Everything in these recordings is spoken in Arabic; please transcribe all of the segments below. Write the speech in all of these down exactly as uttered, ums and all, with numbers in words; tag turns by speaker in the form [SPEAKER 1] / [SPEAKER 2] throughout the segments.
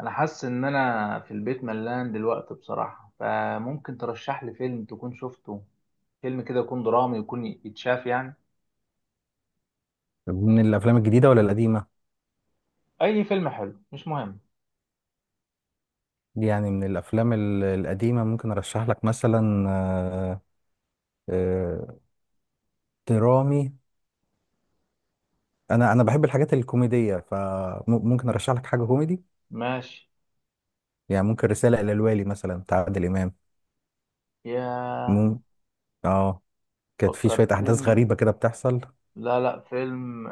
[SPEAKER 1] انا حاسس ان انا في البيت ملان دلوقتي بصراحة، فممكن ترشح لي فيلم تكون شفته. فيلم كده يكون درامي، يكون يتشاف يعني.
[SPEAKER 2] من الافلام الجديده ولا القديمه؟
[SPEAKER 1] اي فيلم حلو مش مهم.
[SPEAKER 2] يعني من الافلام ال- القديمه ممكن ارشح لك، مثلا آه، آه، درامي. انا انا بحب الحاجات الكوميديه، فممكن ارشح لك حاجه كوميدي.
[SPEAKER 1] ماشي.
[SPEAKER 2] يعني ممكن رساله الى الوالي مثلا، بتاع عادل امام.
[SPEAKER 1] يا
[SPEAKER 2] مم. اه، كانت في شويه احداث
[SPEAKER 1] فكرتني.
[SPEAKER 2] غريبه كده بتحصل.
[SPEAKER 1] لا لا فيلم.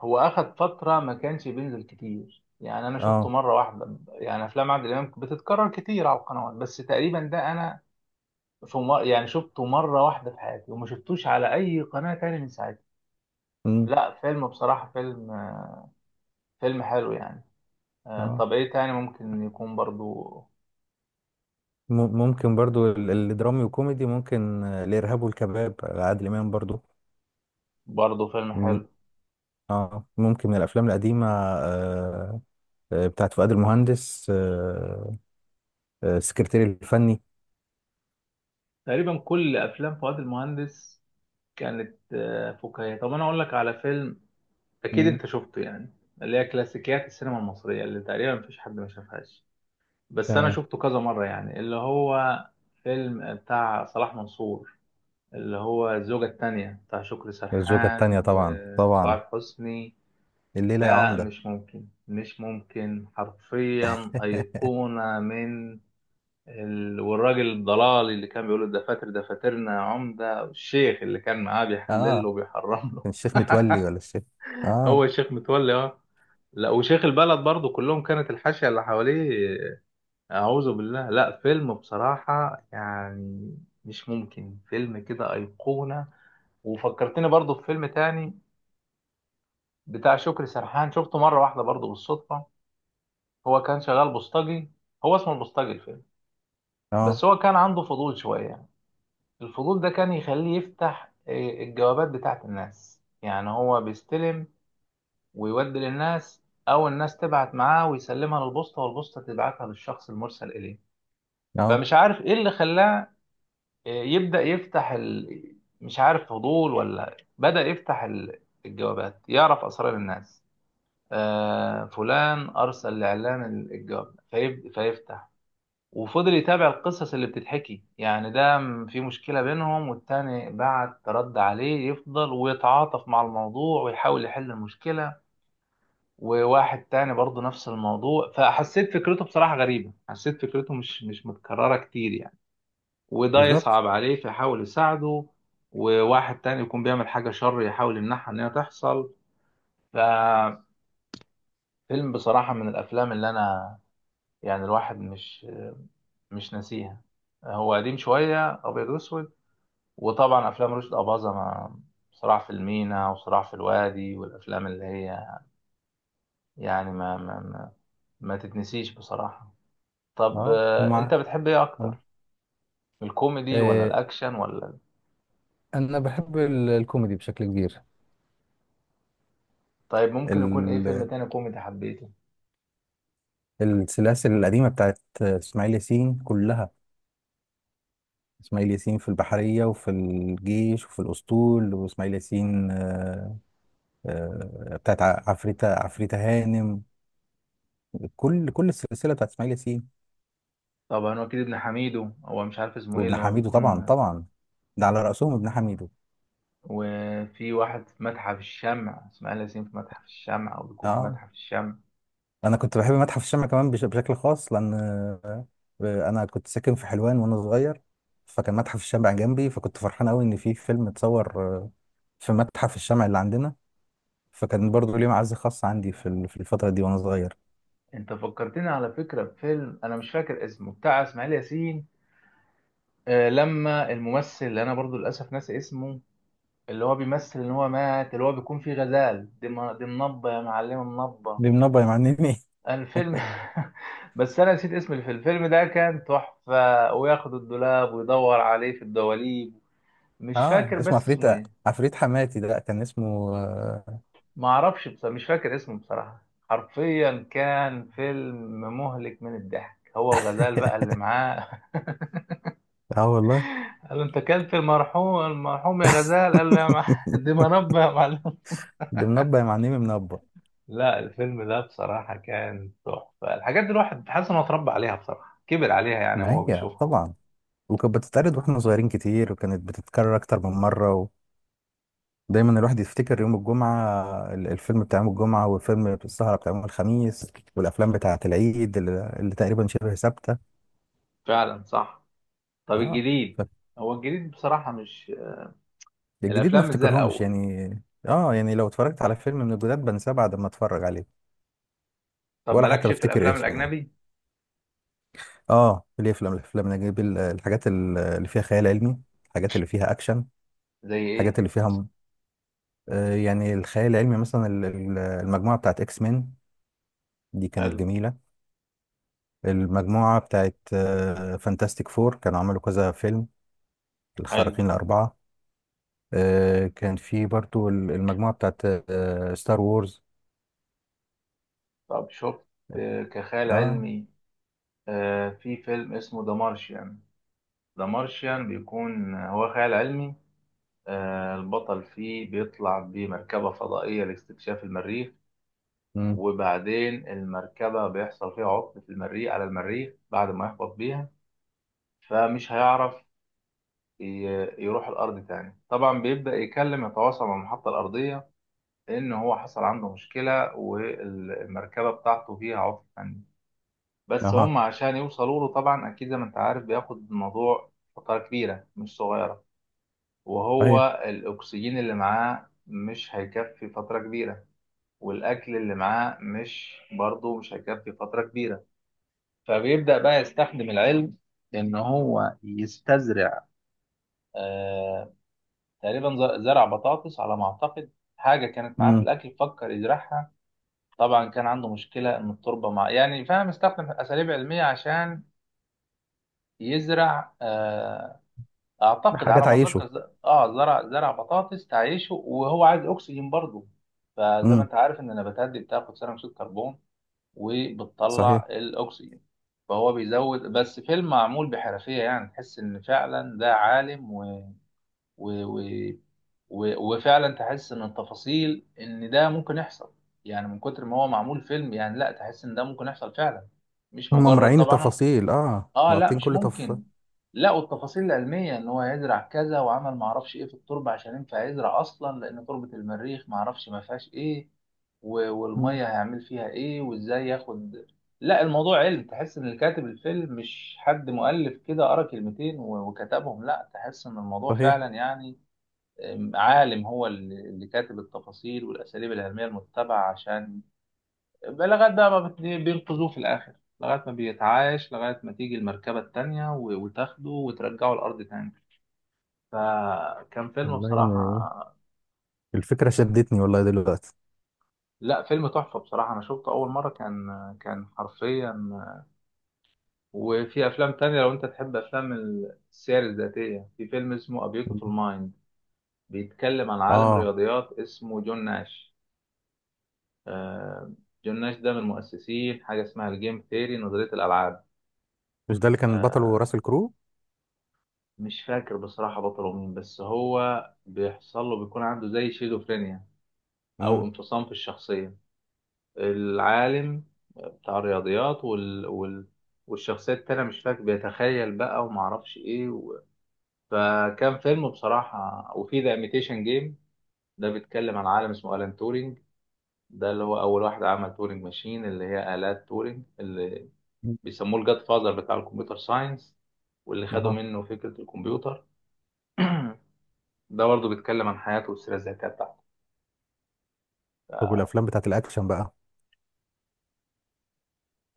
[SPEAKER 1] هو اخد فترة ما كانش بينزل كتير يعني، انا شفته
[SPEAKER 2] اه.
[SPEAKER 1] مرة واحدة. يعني افلام عادل امام بتتكرر كتير على القنوات، بس تقريبا ده انا في مر... يعني شفته مرة واحدة في حياتي وما شفتوش على اي قناة تاني من ساعتها.
[SPEAKER 2] مم.
[SPEAKER 1] لا فيلم بصراحة، فيلم فيلم حلو يعني. آه،
[SPEAKER 2] اه،
[SPEAKER 1] طب ايه تاني ممكن يكون برضو.
[SPEAKER 2] م- ممكن برضو ال- الدرامي وكوميدي، ممكن آه، الارهاب والكباب عادل امام برضو.
[SPEAKER 1] برضو فيلم
[SPEAKER 2] مم.
[SPEAKER 1] حلو.
[SPEAKER 2] اه، ممكن من الافلام القديمه، آه، آه، بتاعت فؤاد المهندس، آه، آه، السكرتير الفني.
[SPEAKER 1] تقريبا كل افلام فؤاد المهندس كانت آه، فكاهية. طب انا اقول لك على فيلم اكيد
[SPEAKER 2] مم.
[SPEAKER 1] انت شفته يعني. اللي هي كلاسيكيات السينما المصرية اللي تقريبا مفيش حد ما شافهاش، بس انا
[SPEAKER 2] تمام.
[SPEAKER 1] شفته كذا مرة يعني. اللي هو فيلم بتاع صلاح منصور، اللي هو الزوجة التانية بتاع شكري
[SPEAKER 2] الزوجة
[SPEAKER 1] سرحان
[SPEAKER 2] التانية، طبعا طبعا.
[SPEAKER 1] وسعاد حسني.
[SPEAKER 2] الليلة يا
[SPEAKER 1] ده
[SPEAKER 2] عمدة.
[SPEAKER 1] مش ممكن، مش ممكن، حرفيا أيقونة من ال- والراجل الضلالي اللي كان بيقول الدفاتر دفاترنا يا عمدة، والشيخ اللي كان معاه بيحلل له
[SPEAKER 2] اه،
[SPEAKER 1] وبيحرم له.
[SPEAKER 2] كان الشيخ متولي ولا الشيخ؟
[SPEAKER 1] هو
[SPEAKER 2] اه.
[SPEAKER 1] الشيخ متولي، اه. لا وشيخ البلد برضه، كلهم كانت الحاشية اللي حواليه. أعوذ بالله. لا فيلم بصراحة يعني، مش ممكن، فيلم كده أيقونة. وفكرتني برضه في فيلم تاني بتاع شكري سرحان، شفته مرة واحدة برضه بالصدفة. هو كان شغال بوسطجي، هو اسمه البوسطجي الفيلم.
[SPEAKER 2] اه.
[SPEAKER 1] بس هو كان عنده فضول شوية يعني. الفضول ده كان يخليه يفتح آه، الجوابات بتاعت الناس. يعني هو بيستلم ويودي للناس، او الناس تبعت معاه ويسلمها للبوسطة والبوسطة تبعتها للشخص المرسل اليه.
[SPEAKER 2] اه،
[SPEAKER 1] فمش عارف ايه اللي خلاه آه، يبدأ يفتح ال... مش عارف فضول، ولا بدأ يفتح ال- الجوابات، يعرف اسرار الناس. آه فلان ارسل لاعلان الجواب فيب... فيفتح، وفضل يتابع القصص اللي بتتحكي. يعني ده م- في مشكلة بينهم والتاني بعت رد عليه، يفضل ويتعاطف مع الموضوع ويحاول يحل المشكلة. وواحد تاني برضه نفس الموضوع، فحسيت فكرته بصراحة غريبة، حسيت فكرته مش مش متكررة كتير يعني. وده
[SPEAKER 2] بالظبط.
[SPEAKER 1] يصعب عليه فيحاول يساعده، وواحد تاني يكون بيعمل حاجة شر يحاول يمنعها إن هي تحصل. ففيلم بصراحة من الأفلام اللي أنا يعني الواحد مش مش ناسيها. هو قديم شوية، أبيض وأسود. وطبعا افلام رشدي اباظة، ما صراع في المينا وصراع في الوادي والافلام اللي هي يعني ما ما ما, ما تتنسيش بصراحة. طب،
[SPEAKER 2] اه. هم
[SPEAKER 1] آه، انت بتحب ايه اكتر؟
[SPEAKER 2] هم-
[SPEAKER 1] الكوميدي ولا
[SPEAKER 2] آه،
[SPEAKER 1] الاكشن ولا ال-
[SPEAKER 2] انا بحب ال- الكوميدي بشكل كبير.
[SPEAKER 1] طيب ممكن يكون ايه فيلم
[SPEAKER 2] ال-
[SPEAKER 1] تاني كوميدي حبيته؟
[SPEAKER 2] السلاسل القديمة بتاعت اسماعيل ياسين كلها. اسماعيل ياسين في البحرية وفي الجيش وفي الأسطول، واسماعيل ياسين آه آه بتاعت ع- عفريتة عفريتة هانم. كل كل السلسله بتاعت اسماعيل ياسين.
[SPEAKER 1] طبعا وكيل ابن حميدو، هو مش عارف اسمه ايه
[SPEAKER 2] وابن
[SPEAKER 1] اللي هو
[SPEAKER 2] حميدو، طبعا
[SPEAKER 1] بيكون.
[SPEAKER 2] طبعا. ده على راسهم ابن حميدو.
[SPEAKER 1] وفي واحد في متحف الشمع، اسماعيل ياسين في متحف الشمع، او بيكون في
[SPEAKER 2] اه،
[SPEAKER 1] متحف الشمع.
[SPEAKER 2] انا كنت بحب متحف الشمع كمان بش- بشكل خاص، لان آه، انا كنت ساكن في حلوان وانا صغير. فكان متحف الشمع جنبي، فكنت فرحان قوي ان في فيلم اتصور آه، في متحف الشمع اللي عندنا. فكان برضو ليه معزه خاصه عندي في ال- في الفتره دي وانا صغير.
[SPEAKER 1] انت فكرتني على فكرة بفيلم انا مش فاكر اسمه بتاع اسماعيل ياسين. آه، لما الممثل اللي انا برضو للاسف ناسي اسمه، اللي هو بيمثل ان هو مات، اللي هو بيكون فيه غزال. دي م- دي منبه يا معلمه، منبه
[SPEAKER 2] دي منبه يا معلمي.
[SPEAKER 1] الفيلم. بس انا نسيت اسم الفيلم. الفيلم ده كان تحفه، وياخد الدولاب ويدور عليه في الدواليب. مش
[SPEAKER 2] اه،
[SPEAKER 1] فاكر
[SPEAKER 2] اسمه
[SPEAKER 1] بس
[SPEAKER 2] عفريت
[SPEAKER 1] اسمه ايه.
[SPEAKER 2] عفريت حماتي، ده كان اسمه، اه.
[SPEAKER 1] ما اعرفش، بس مش فاكر اسمه بصراحه. حرفيا كان فيلم مهلك من الضحك، هو وغزال بقى اللي معاه.
[SPEAKER 2] آه والله.
[SPEAKER 1] قال له انت كلت المرحوم، المرحوم يا غزال، قال له يا مع... دي منبه يا معلم.
[SPEAKER 2] ده منبه يا معلمي، منبه.
[SPEAKER 1] لا الفيلم ده بصراحة كان تحفة. الحاجات دي الواحد حاسس إنه اتربى عليها بصراحة، كبر عليها يعني
[SPEAKER 2] ما
[SPEAKER 1] هو
[SPEAKER 2] هي
[SPEAKER 1] بيشوفها.
[SPEAKER 2] طبعا. وكانت بتتعرض واحنا صغيرين كتير، وكانت بتتكرر اكتر من مره. ودايما الواحد يفتكر يوم الجمعه، ال- الفيلم بتاع يوم الجمعه، والفيلم السهره بتاع يوم الخميس، والافلام بتاعه العيد اللي, اللي تقريبا شبه ثابته.
[SPEAKER 1] فعلا صح. طب
[SPEAKER 2] اه،
[SPEAKER 1] الجديد؟ هو الجديد بصراحة مش،
[SPEAKER 2] فالجديد ما
[SPEAKER 1] الأفلام مش زي
[SPEAKER 2] افتكرهمش
[SPEAKER 1] الأول.
[SPEAKER 2] يعني. اه، يعني لو اتفرجت على فيلم من الجداد بنساه بعد ما اتفرج عليه،
[SPEAKER 1] طب
[SPEAKER 2] ولا حتى
[SPEAKER 1] مالكش في
[SPEAKER 2] بفتكر
[SPEAKER 1] الأفلام
[SPEAKER 2] اسمه.
[SPEAKER 1] الأجنبي؟
[SPEAKER 2] اه، ليه افلام، الافلام نجيب ال- الحاجات ال- اللي فيها خيال علمي، الحاجات اللي فيها اكشن،
[SPEAKER 1] زي
[SPEAKER 2] الحاجات
[SPEAKER 1] إيه؟
[SPEAKER 2] اللي فيها آه، يعني الخيال العلمي، مثلا ال- ال- المجموعة بتاعت اكس مان، دي كانت
[SPEAKER 1] حلو.
[SPEAKER 2] جميلة. المجموعة بتاعت فانتاستيك فور، كانوا عملوا كذا فيلم،
[SPEAKER 1] حلو.
[SPEAKER 2] الخارقين الأربعة. آه، كان في برضو ال- المجموعة بتاعت ستار وورز.
[SPEAKER 1] طب شفت آه، كخيال
[SPEAKER 2] اه.
[SPEAKER 1] علمي، آه، في فيلم اسمه ذا مارشيان. ذا مارشيان بيكون آه، هو خيال علمي. آه، البطل فيه بيطلع بمركبة فضائية لاستكشاف المريخ.
[SPEAKER 2] امم.
[SPEAKER 1] وبعدين المركبة بيحصل فيها عطل في المريخ، على المريخ بعد ما يهبط بيها. فمش هيعرف ي- يروح الأرض تاني. طبعا بيبدأ يكلم، يتواصل مع المحطة الأرضية إن هو حصل عنده مشكلة والمركبة بتاعته فيها عطل فني. بس
[SPEAKER 2] اها.
[SPEAKER 1] هم عشان يوصلوا له طبعا، أكيد زي ما أنت عارف، بياخد الموضوع فترة كبيرة مش صغيرة.
[SPEAKER 2] صحيح.
[SPEAKER 1] وهو الأكسجين اللي معاه مش هيكفي فترة كبيرة، والأكل اللي معاه مش برضه مش هيكفي فترة كبيرة. فبيبدأ بقى يستخدم العلم إن هو يستزرع. آه، تقريبا ز- زرع بطاطس على ما أعتقد، حاجة كانت معاه في
[SPEAKER 2] امم.
[SPEAKER 1] الأكل فكر يزرعها. طبعا كان عنده مشكلة إن التربة مع، يعني فاهم، استخدم أساليب علمية عشان يزرع. آه، أعتقد
[SPEAKER 2] حاجة
[SPEAKER 1] على ما أتذكر
[SPEAKER 2] تعيشه.
[SPEAKER 1] ز- آه زرع زرع بطاطس تعيشه، وهو عايز أكسجين برضه. فزي ما
[SPEAKER 2] امم.
[SPEAKER 1] أنت عارف إن النباتات دي بتاخد ثاني أكسيد كربون
[SPEAKER 2] صحيح.
[SPEAKER 1] وبتطلع الاكسجين. فهو بيزود، بس فيلم معمول بحرفيه. يعني تحس ان فعلا ده عالم و... و... و... و... وفعلا تحس ان التفاصيل ان ده ممكن يحصل. يعني من كتر ما هو معمول فيلم يعني، لا تحس ان ده ممكن يحصل فعلا، مش
[SPEAKER 2] هم
[SPEAKER 1] مجرد.
[SPEAKER 2] مراعين
[SPEAKER 1] طبعا.
[SPEAKER 2] التفاصيل، اه
[SPEAKER 1] اه لا
[SPEAKER 2] مغطين
[SPEAKER 1] مش
[SPEAKER 2] كل تفصيل.
[SPEAKER 1] ممكن. لا، والتفاصيل العلميه ان هو يزرع كذا، وعمل ما اعرفش ايه في التربه عشان ينفع يزرع اصلا، لان تربه المريخ ما اعرفش ما فيهاش ايه. و- والميه
[SPEAKER 2] مم.
[SPEAKER 1] هيعمل فيها ايه وازاي ياخد. لا الموضوع علم، تحس ان الكاتب الفيلم مش حد مؤلف كده قرا كلمتين و- وكتبهم. لا تحس ان الموضوع
[SPEAKER 2] صحيح.
[SPEAKER 1] فعلا يعني آم، عالم هو اللي اللي كاتب التفاصيل والاساليب العلميه المتبعه عشان، لغاية بقى ما بت- بينقذوه في الآخر، لغاية ما بيتعايش، لغاية ما تيجي المركبة التانية و- وتاخده وترجعه الأرض تاني. فكان فيلم
[SPEAKER 2] والله إن
[SPEAKER 1] بصراحة.
[SPEAKER 2] الفكرة شدتني، والله، دلوقتي.
[SPEAKER 1] لا فيلم تحفة بصراحة، أنا شفته أول مرة كان، كان حرفيا. وفي أفلام تانية لو أنت تحب أفلام السير الذاتية، في فيلم اسمه A Beautiful
[SPEAKER 2] مم.
[SPEAKER 1] Mind، بيتكلم عن عالم
[SPEAKER 2] اه،
[SPEAKER 1] رياضيات اسمه جون ناش. آه، جون ناش ده من مؤسسين حاجة اسمها الجيم ثيري، نظرية الألعاب.
[SPEAKER 2] مش ده اللي كان بطله
[SPEAKER 1] آه،
[SPEAKER 2] راسل كرو؟
[SPEAKER 1] مش فاكر بصراحة بطله مين، بس هو بيحصل له، بيكون عنده زي شيزوفرينيا أو
[SPEAKER 2] امم.
[SPEAKER 1] انفصام في الشخصية. العالم بتاع الرياضيات وال... وال... والشخصية التانية مش فاكر، بيتخيل بقى ومعرفش إيه و... فكان فيلم بصراحة. وفي ذا إيميتيشن جيم، ده بيتكلم عن عالم اسمه ألان تورينج. ده اللي هو أول واحد عمل تورينج ماشين، اللي هي آلات تورينج، اللي بيسموه الجاد فاذر بتاع الكمبيوتر ساينس، واللي خدوا
[SPEAKER 2] اها.
[SPEAKER 1] منه فكرة الكمبيوتر. ده برضه بيتكلم عن حياته والسيرة الذاتية بتاعته.
[SPEAKER 2] طب والافلام بتاعت الاكشن بقى؟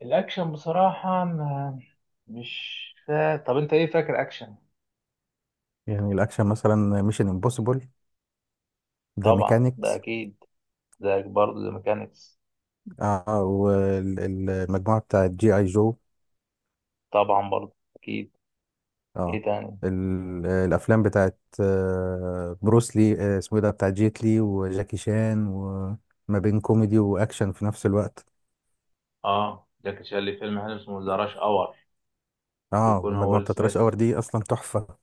[SPEAKER 1] الأكشن بصراحة ما- مش فا... طب أنت إيه فاكر أكشن؟
[SPEAKER 2] يعني الاكشن، مثلا ميشن امبوسيبل، ذا
[SPEAKER 1] طبعا ده
[SPEAKER 2] ميكانيكس.
[SPEAKER 1] أكيد، ده برضه ذا ميكانيكس.
[SPEAKER 2] اه، والمجموعه بتاعت جي اي جو.
[SPEAKER 1] طبعا برضه أكيد. إيه
[SPEAKER 2] اه.
[SPEAKER 1] تاني؟
[SPEAKER 2] ال- الافلام بتاعت آه، بروس لي، آه، اسمه إيه ده، بتاع جيت لي وجاكي شان، وما بين كوميدي واكشن في نفس الوقت.
[SPEAKER 1] آه جاكي شان ليه فيلم حلو اسمه ذا راش أور.
[SPEAKER 2] اه،
[SPEAKER 1] بيكون هو
[SPEAKER 2] والمجموعه
[SPEAKER 1] ويل
[SPEAKER 2] بتاعت راش
[SPEAKER 1] سميث،
[SPEAKER 2] اور دي اصلا تحفه.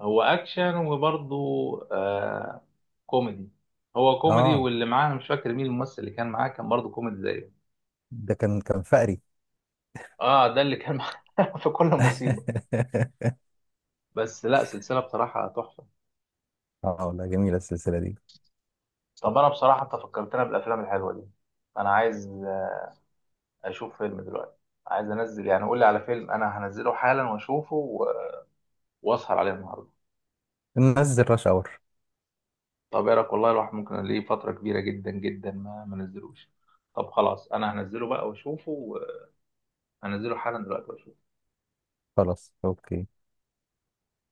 [SPEAKER 1] هو أكشن وبرضه آه كوميدي. هو كوميدي،
[SPEAKER 2] اه،
[SPEAKER 1] واللي معاه أنا مش فاكر مين الممثل اللي كان معاه، كان برضه كوميدي زيه.
[SPEAKER 2] ده كان كان فقري.
[SPEAKER 1] آه ده اللي كان معاه في كل مصيبة. بس لا سلسلة بصراحة تحفة.
[SPEAKER 2] اه، لا، جميله السلسله دي.
[SPEAKER 1] طب انا بصراحه، انت فكرتنا بالافلام الحلوه دي. انا عايز اشوف فيلم دلوقتي، عايز انزل يعني. قول لي على فيلم انا هنزله حالا واشوفه و- واسهر عليه النهارده.
[SPEAKER 2] ننزل راش اور.
[SPEAKER 1] طب ايه رايك؟ والله الواحد ممكن ليه فتره كبيره جدا جدا ما ما نزلوش. طب خلاص انا هنزله بقى واشوفه و- هنزله حالا دلوقتي واشوفه.
[SPEAKER 2] خلاص اوكي.